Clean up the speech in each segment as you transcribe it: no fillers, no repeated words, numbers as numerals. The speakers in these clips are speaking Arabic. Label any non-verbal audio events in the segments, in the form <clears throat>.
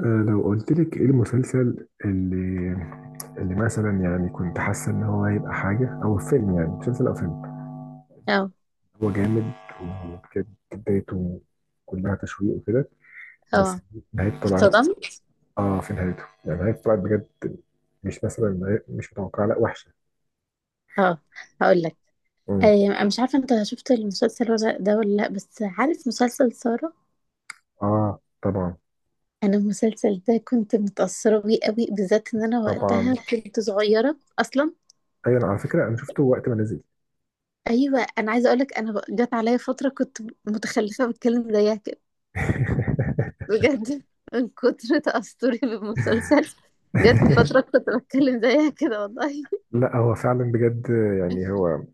لو قلت لك ايه المسلسل اللي مثلا يعني كنت حاسه ان هو هيبقى حاجه او فيلم، يعني مسلسل او فيلم اه. هو جامد، وكانت بدايته كلها تشويق وكده، بس اه. نهايته طلعت. اتصدمت. اه في نهايته يعني نهايته طلعت بجد، مش مثلا مش متوقعه، لا وحشه. اه. هقول لك. امم آه، مش عارفه انت شفت المسلسل ولا ده ولا لا، بس عارف مسلسل سارة؟ اه طبعا. انا المسلسل ده كنت متأثرة بيه قوي، بالذات ان انا طبعا، وقتها كنت صغيرة اصلا. ايوه أنا على فكره انا شفته وقت ما نزل. ايوه، انا عايزه اقول لك، انا جت عليا فتره كنت متخلفه بتكلم زيها كده، بجد، من كتر تأثري بالمسلسل. جت فتره <laughs> كنت بتكلم زيها كده والله. لا هو فعلا بجد، يعني هو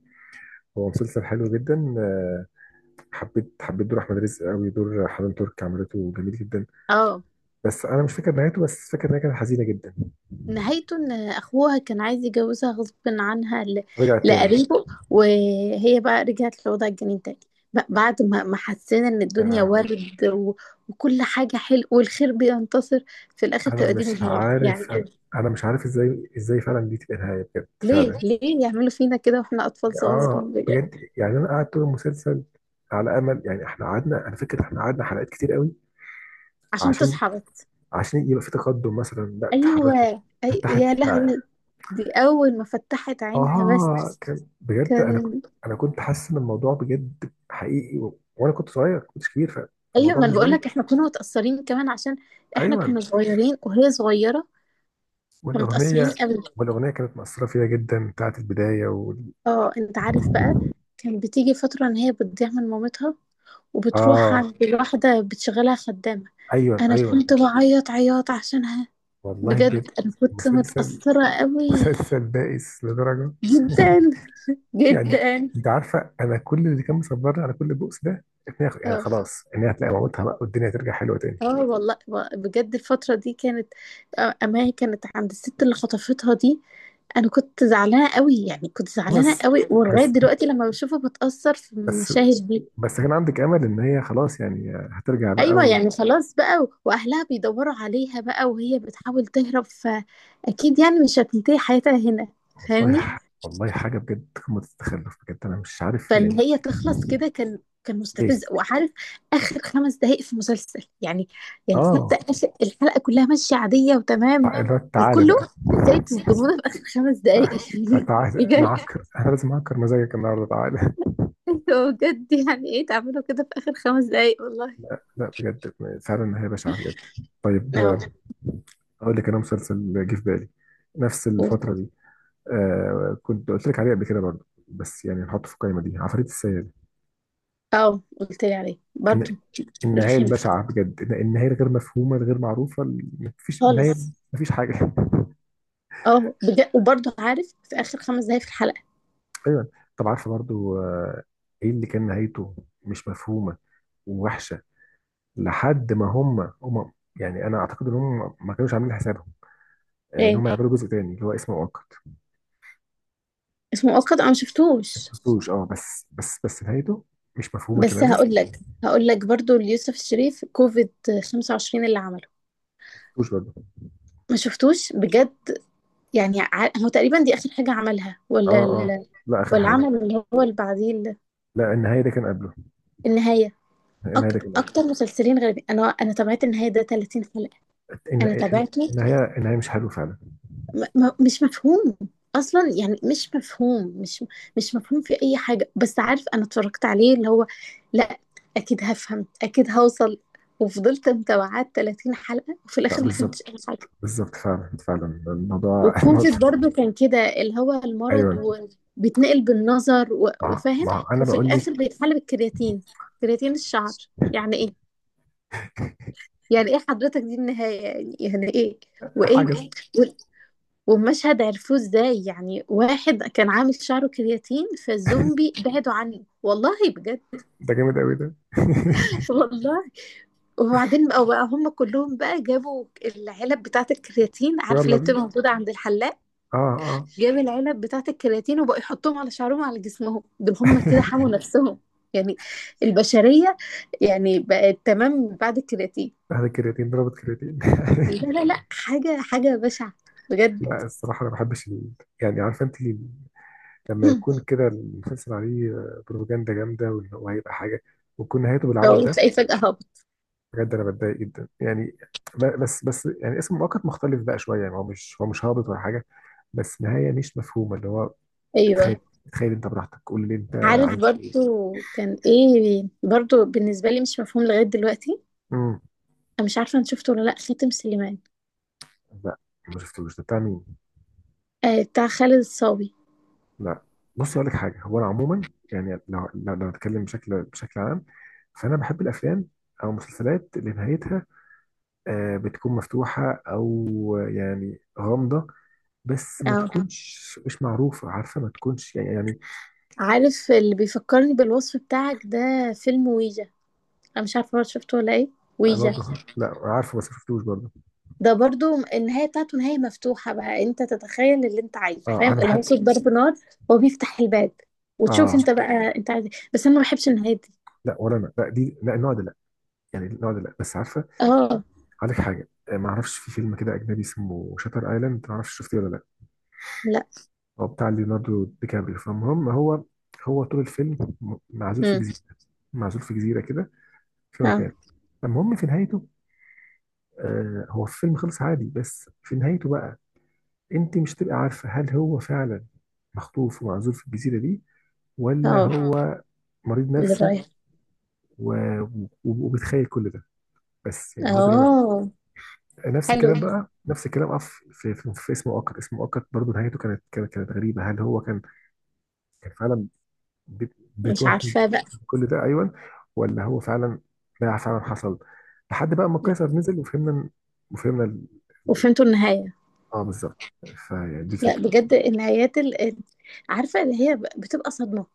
هو مسلسل حلو جدا. حبيت دور احمد رزق قوي، دور حنان ترك عملته جميل جدا. اه، بس انا مش فاكر نهايته، بس فاكر ان هي كانت حزينه جدا. نهايته ان اخوها كان عايز يجوزها غصب عنها رجعت تاني، لقريبه، وهي بقى رجعت لوضع الجنين تاني، بعد ما حسينا ان لا يا الدنيا لهوي. ورد وكل حاجة حلو والخير بينتصر، في الاخر انا تبقى دي مش النهاية يعني. عارف انا مش عارف ازاي فعلا دي تبقى نهايه بجد ليه فعلا. ليه يعملوا فينا كده واحنا اطفال اه صغيرين بجد؟ بجد، يعني انا قعدت طول المسلسل على امل، يعني احنا قعدنا، انا فاكر احنا قعدنا حلقات كتير قوي، عشان عشان تصحى بس. عشان يبقى في تقدم مثلا، لا اتحركت، ايوه. فتحت. يا لهوي. دي اول ما فتحت عينها اه بس كان بجد، انا كان. انا كنت حاسس ان الموضوع بجد حقيقي وانا كنت صغير كنت كبير، ايوه، فالموضوع ما انا بالنسبه بقول لي. لك احنا كنا متأثرين كمان، عشان <laughs> احنا ايوه. كنا صغيرين وهي صغيرة، والاغنيه فمتأثرين قوي. والاغنيه كانت مأثره فيا جدا، بتاعت البدايه اه، انت عارف بقى كان بتيجي فترة ان هي بتضيع من مامتها وبتروح اه عند واحدة بتشغلها خدامة. ايوه انا ايوه. كنت بعيط عياط عشانها. والله بجد، بجد انا كنت مسلسل متأثرة قوي مسلسل بائس لدرجه، جدا يعني جدا. جدا. انت عارفه انا كل اللي كان مصبرني على كل البؤس ده ان هي يعني اه خلاص، ان هي هتلاقي مامتها بقى والدنيا ترجع حلوه تاني. اه والله، بجد الفترة دي كانت، آه، اما هي كانت عند الست اللي خطفتها دي، انا كنت زعلانة قوي، يعني كنت آه، زعلانة بس <laughs> قوي، ولغاية بس دلوقتي لما بشوفه بتأثر في بس المشاهد دي. بس كان عندك امل ان هي خلاص يعني هترجع بقى. ايوه، يعني خلاص بقى، واهلها بيدوروا عليها بقى، وهي بتحاول تهرب، فاكيد يعني مش هتنتهي حياتها هنا. والله فاهمني. والله حاجة بجد قمة التخلف، بجد أنا مش عارف يعني فان هي تخلص كده، كان كان ليه. مستفز وعارف. اخر 5 دقائق في مسلسل يعني، يعني حتى آه اخر الحلقه كلها ماشيه عاديه وتمام اللي هو تعالى وكله، بقى. ازاي تصدمونا في اخر 5 دقائق <laughs> يعني تعالى بجد. أنا لازم أعكر مزاجك النهاردة تعالى. <laughs> انتوا بجد يعني ايه تعملوا كده في اخر 5 دقائق والله. لا بجد، فعلا هي بشعة بجد. طيب، اه. أقول لك أنا مسلسل جه في بالي نفس قلت- الفترة دي. كنت قلت لك عليه قبل كده برضه، بس يعني نحطه في القايمة دي، عفاريت السيد. اه، قلت لي عليه إن برضو. النهاية رخمت البشعة بجد، النهاية الغير مفهومة الغير معروفة مفيش النهاية، خالص. مفيش حاجة. اه بجد، وبرضه عارف في اخر 5 دقايق في الحلقه. ايوه. طب عارفه برضو، ايه اللي كان نهايته مش مفهومه ووحشه، لحد ما هم يعني انا اعتقد ان هم ما كانوش عاملين حسابهم، ان ايه هم يعملوا جزء تاني اللي هو اسمه مؤقت. اسمه مؤقت، انا ما ما شفتوش. شفتوش، بس نهايته مش مفهومه بس تماما. هقول لك، هقول لك برضه ليوسف الشريف كوفيد 25 اللي عمله. ما شفتوش برضه. ما شفتوش بجد. يعني هو تقريبا دي اخر حاجه عملها اه ولا اه، لا اخر ولا حاجه، عمل اللي هو اللي بعديه لا النهايه ده كان قبله، النهايه. النهايه ده كان اكتر قبله. مسلسلين غريبين، انا تابعت النهايه ده 30 حلقه. الن- انا الن- تابعته. النهايه النهايه مش حلوه فعلا. مش مفهوم اصلا يعني، مش مفهوم، مش مفهوم في اي حاجه، بس عارف انا اتفرجت عليه اللي هو، لا، اكيد هفهم، اكيد هوصل. وفضلت متابعات 30 حلقه وفي لا، الاخر ما فهمتش بالظبط، اي حاجه. بالظبط فعلا، فعلا الموضوع <laughs> الموضوع- وكوفيد برضو كان كده، اللي هو المرض ايوه. وبيتنقل بالنظر مع وفاهم، مع انا وفي بقول الاخر لك بيتحل بالكرياتين، كرياتين الشعر. يعني ايه؟ يعني ايه حضرتك دي النهايه يعني؟ يعني ايه وايه؟ حاجه. ومشهد عرفوه ازاي؟ يعني واحد كان عامل شعره كرياتين فالزومبي بعدوا عنه والله بجد. ده جامد قوي ده. <laughs> <laughs> والله، وبعدين بقى هم كلهم بقى جابوا العلب بتاعة الكرياتين، عارف يلا اللي بتبقى بينا. موجودة عند الحلاق، اه اه. جاب العلب بتاعة الكرياتين وبقى يحطهم على شعرهم وعلى جسمهم، دول هم كده حموا <laughs> نفسهم يعني. البشرية يعني بقت تمام بعد الكرياتين. هذا كرياتين ضربت كرياتين. لا <laughs> لا لا، حاجة حاجة بشعة بجد. لا الصراحة أنا ما بحبش يعني عارفة أنت لما يكون <laughs> كده المسلسل عليه بروباجندا جامدة، وإن هو هيبقى حاجة، ويكون نهايته <clears throat> بالعبط أو ده، تلاقيه فجأة هبط. بجد أنا بتضايق جدا يعني، بس يعني اسم مؤقت مختلف بقى شوية، يعني هو مش هابط ولا حاجة، بس نهاية مش مفهومة اللي هو، أيوه، تخيل، تخيل أنت براحتك قول اللي أنت عارف عايز برضو، إيه. كان ايه برضو بالنسبة لي مش مفهوم لغاية دلوقتي. امم انا مش عارفة انت شفته ولا لا، خاتم سليمان. لا، ما شفتوش، ده بتاع مين؟ آه بتاع خالد الصاوي. لا. بص اقول لك حاجه، هو انا عموما يعني لو اتكلم بشكل عام، فانا بحب الافلام او المسلسلات اللي نهايتها، بتكون مفتوحه او يعني غامضه، بس ما اه، تكونش مش معروفه، عارفه ما تكونش، يعني عارف اللي بيفكرني بالوصف بتاعك ده، فيلم ويجا. انا مش عارفة برضو شفته ولا ايه. ويجا برضه كويسة. لا عارفه، بس ما شفتوش برضه. ده برضو النهاية بتاعته نهاية مفتوحة، بقى انت تتخيل اللي انت عايزه، أيوة، اه فاهم انا اللي بحب هو صوت شوف. ضرب نار، هو بيفتح الباب، وتشوف اه انت بقى انت عايز إيه. بس انا ما بحبش النهاية دي. لا، ولا انا لا دي، لا النوع ده، لا يعني النوع ده لا، بس عارفه اه. عليك حاجه، ما اعرفش في فيلم كده اجنبي اسمه شاتر ايلاند، ما اعرفش شفتيه ولا لا. لا. هو بتاع ليوناردو دي كابريو. فالمهم هو طول الفيلم معزول في امم. جزيرة، معزول في جزيرة كده، في اه مكان. المهم في نهايته، هو الفيلم خلص عادي، بس في نهايته بقى انت مش تبقى عارفة هل هو فعلا مخطوف ومعزول في الجزيرة دي، ولا اه. هو مريض اللي نفسي رايح. و... وبتخيل كل ده، بس يعني هو ده اللي، اه. انا نفس الكلام حلو. بقى، نفس الكلام. أف في اسمه اوكر برضه نهايته كانت غريبة، هل هو كان فعلا مش بتوهم عارفة بقى. كل ده، ايوه، ولا هو فعلا، ده فعلا حصل، لحد بقى ما قيصر نزل وفهمنا وفهمنا ال- وفهمتوا النهاية. اه بالظبط، فدي لا الفكره. بجد، النهايات عارفة اللي هي بتبقى صدمة.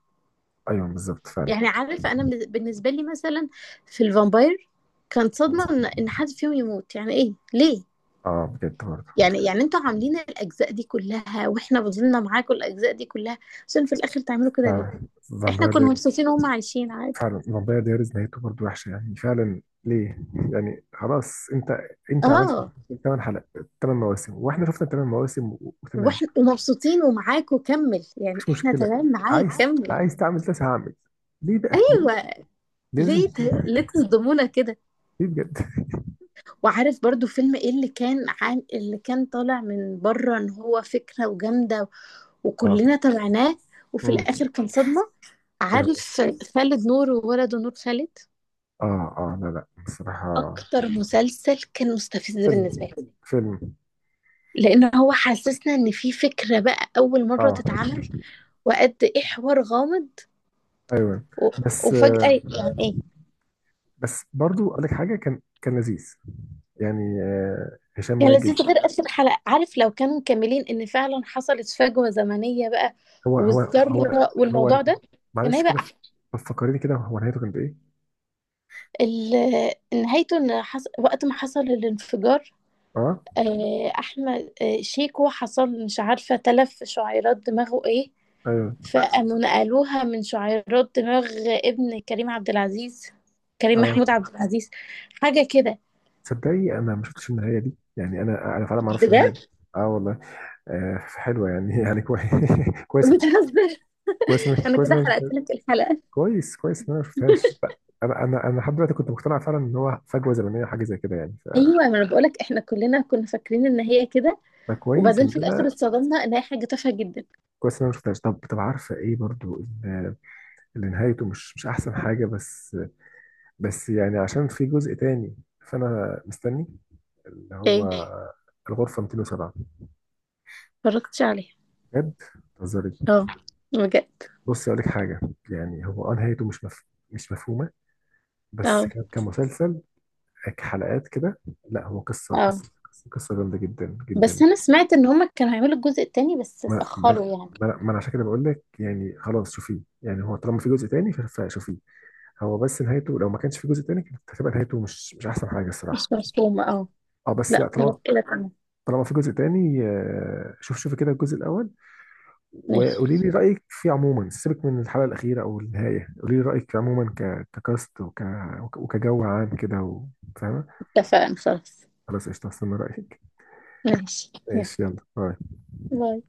ايوه بالظبط فعلا، يعني عارفة، أنا بالنسبة لي مثلا في الفامباير كانت صدمة إن حد فيهم يموت، يعني إيه ليه؟ اه بجد برضه. يعني يعني انتوا عاملين الأجزاء دي كلها واحنا فضلنا معاكم الأجزاء دي كلها عشان في الآخر تعملوا كده ليه؟ آه. احنا فامباير كنا دايريز، مبسوطين وهم عايشين عادي. فعلا فامباير دايريز نهايته برضه وحشه، يعني فعلا ليه؟ يعني خلاص، انت عملت اه ثمان حلقات 8 مواسم، واحنا شفنا 8 مواسم وتمام. واحنا ومبسوطين ومعاك، وكمل يعني، مفيش احنا مشكله، تمام معاك عايز كمل. عايز تعمل تسعة هعمل. ليه بقى ليه؟ ايوه، ليه لازم، ليه ليه تصدمونا كده؟ ليه بجد؟ وعارف برضو فيلم ايه اللي كان عام اللي كان طالع من بره ان هو فكرة وجامدة اه. وكلنا تابعناه وفي امم الاخر كان صدمة؟ ايه عارف، هو. خالد نور وولده نور خالد، اه اه، لا لا بصراحة، اكتر مسلسل كان مستفز بالنسبة فيلم لي، فيلم لان هو حسسنا ان في فكرة بقى اول مرة اه تتعمل وقد ايه حوار غامض ايوه، و... بس وفجأة يعني ايه. بس برضو اقول لك حاجة، كان لذيذ يعني، هشام كان ماجد. لذيذ، غير اخر حلقة عارف، لو كانوا مكملين ان فعلا حصلت فجوة زمنية بقى هو هو هو والذرة هو والموضوع ده كان معلش هيبقى. كده، فكرني كده، هو نهايته كانت ايه؟ نهايته ان وقت ما حصل الانفجار، اه. آه، احمد، آه، شيكو حصل مش عارفه تلف شعيرات دماغه ايه، ايوه. فقاموا نقلوها من شعيرات دماغ ابن كريم عبد العزيز، كريم اه محمود عبد العزيز، حاجه كده. تصدقي انا ما شفتش النهاية دي، يعني انا فعلا ما اعرفش النهاية بجد دي. اه والله. حلوة يعني <laughs> يعني كويس <laughs> كويس بتهزر؟ <laughs> انا كويس إن كده انا شفت. حرقت لك الحلقه. كويس، كويس ان انا ما شفتهاش. لا، انا لحد دلوقتي كنت مقتنع فعلا ان هو فجوه زمنيه، حاجه زي كده يعني، ايوه، ما انا بقول لك احنا كلنا كنا فاكرين ان هي كده، فكويس وبعدين ان في الاخر انا اتصدمنا ان هي حاجه تافهه جدا. كويس ان انا ما شفتهاش. طب طب عارفه ايه برضو اللي اللي نهايته مش احسن حاجه، بس بس يعني عشان في جزء تاني، فانا مستني اللي ايه؟ هو الغرفه 207. اتفرجتش عليها؟ بجد، تهزري؟ اه بجد. بصي اقول لك حاجه، يعني هو نهايته مش مفهومه، بس اه كمسلسل حلقات كده، لا هو قصه اه، قصه قصه جامده جدا بس جدا. انا سمعت ان هما كانوا هيعملوا الجزء التاني بس ما ما اتأخروا يعني. ما انا عشان كده بقول لك يعني خلاص شوفيه، يعني هو طالما في جزء تاني فشوفيه. هو بس نهايته لو ما كانش في جزء تاني كانت هتبقى نهايته مش احسن حاجه مش الصراحه. مفهومة اه. اه بس لا، لا خلاص طالما كده تمام. طالما في جزء تاني، شوفي كده الجزء الاول، ماشي. وقولي لي رايك فيه عموما، سيبك من الحلقه الاخيره او النهايه، قولي لي رايك فيه عموما ككاست وكجو عام كده فاهمه. اتفقنا خلاص. خلاص قشطه، استنى رايك. ماشي، يلا، ماشي يلا، باي. باي.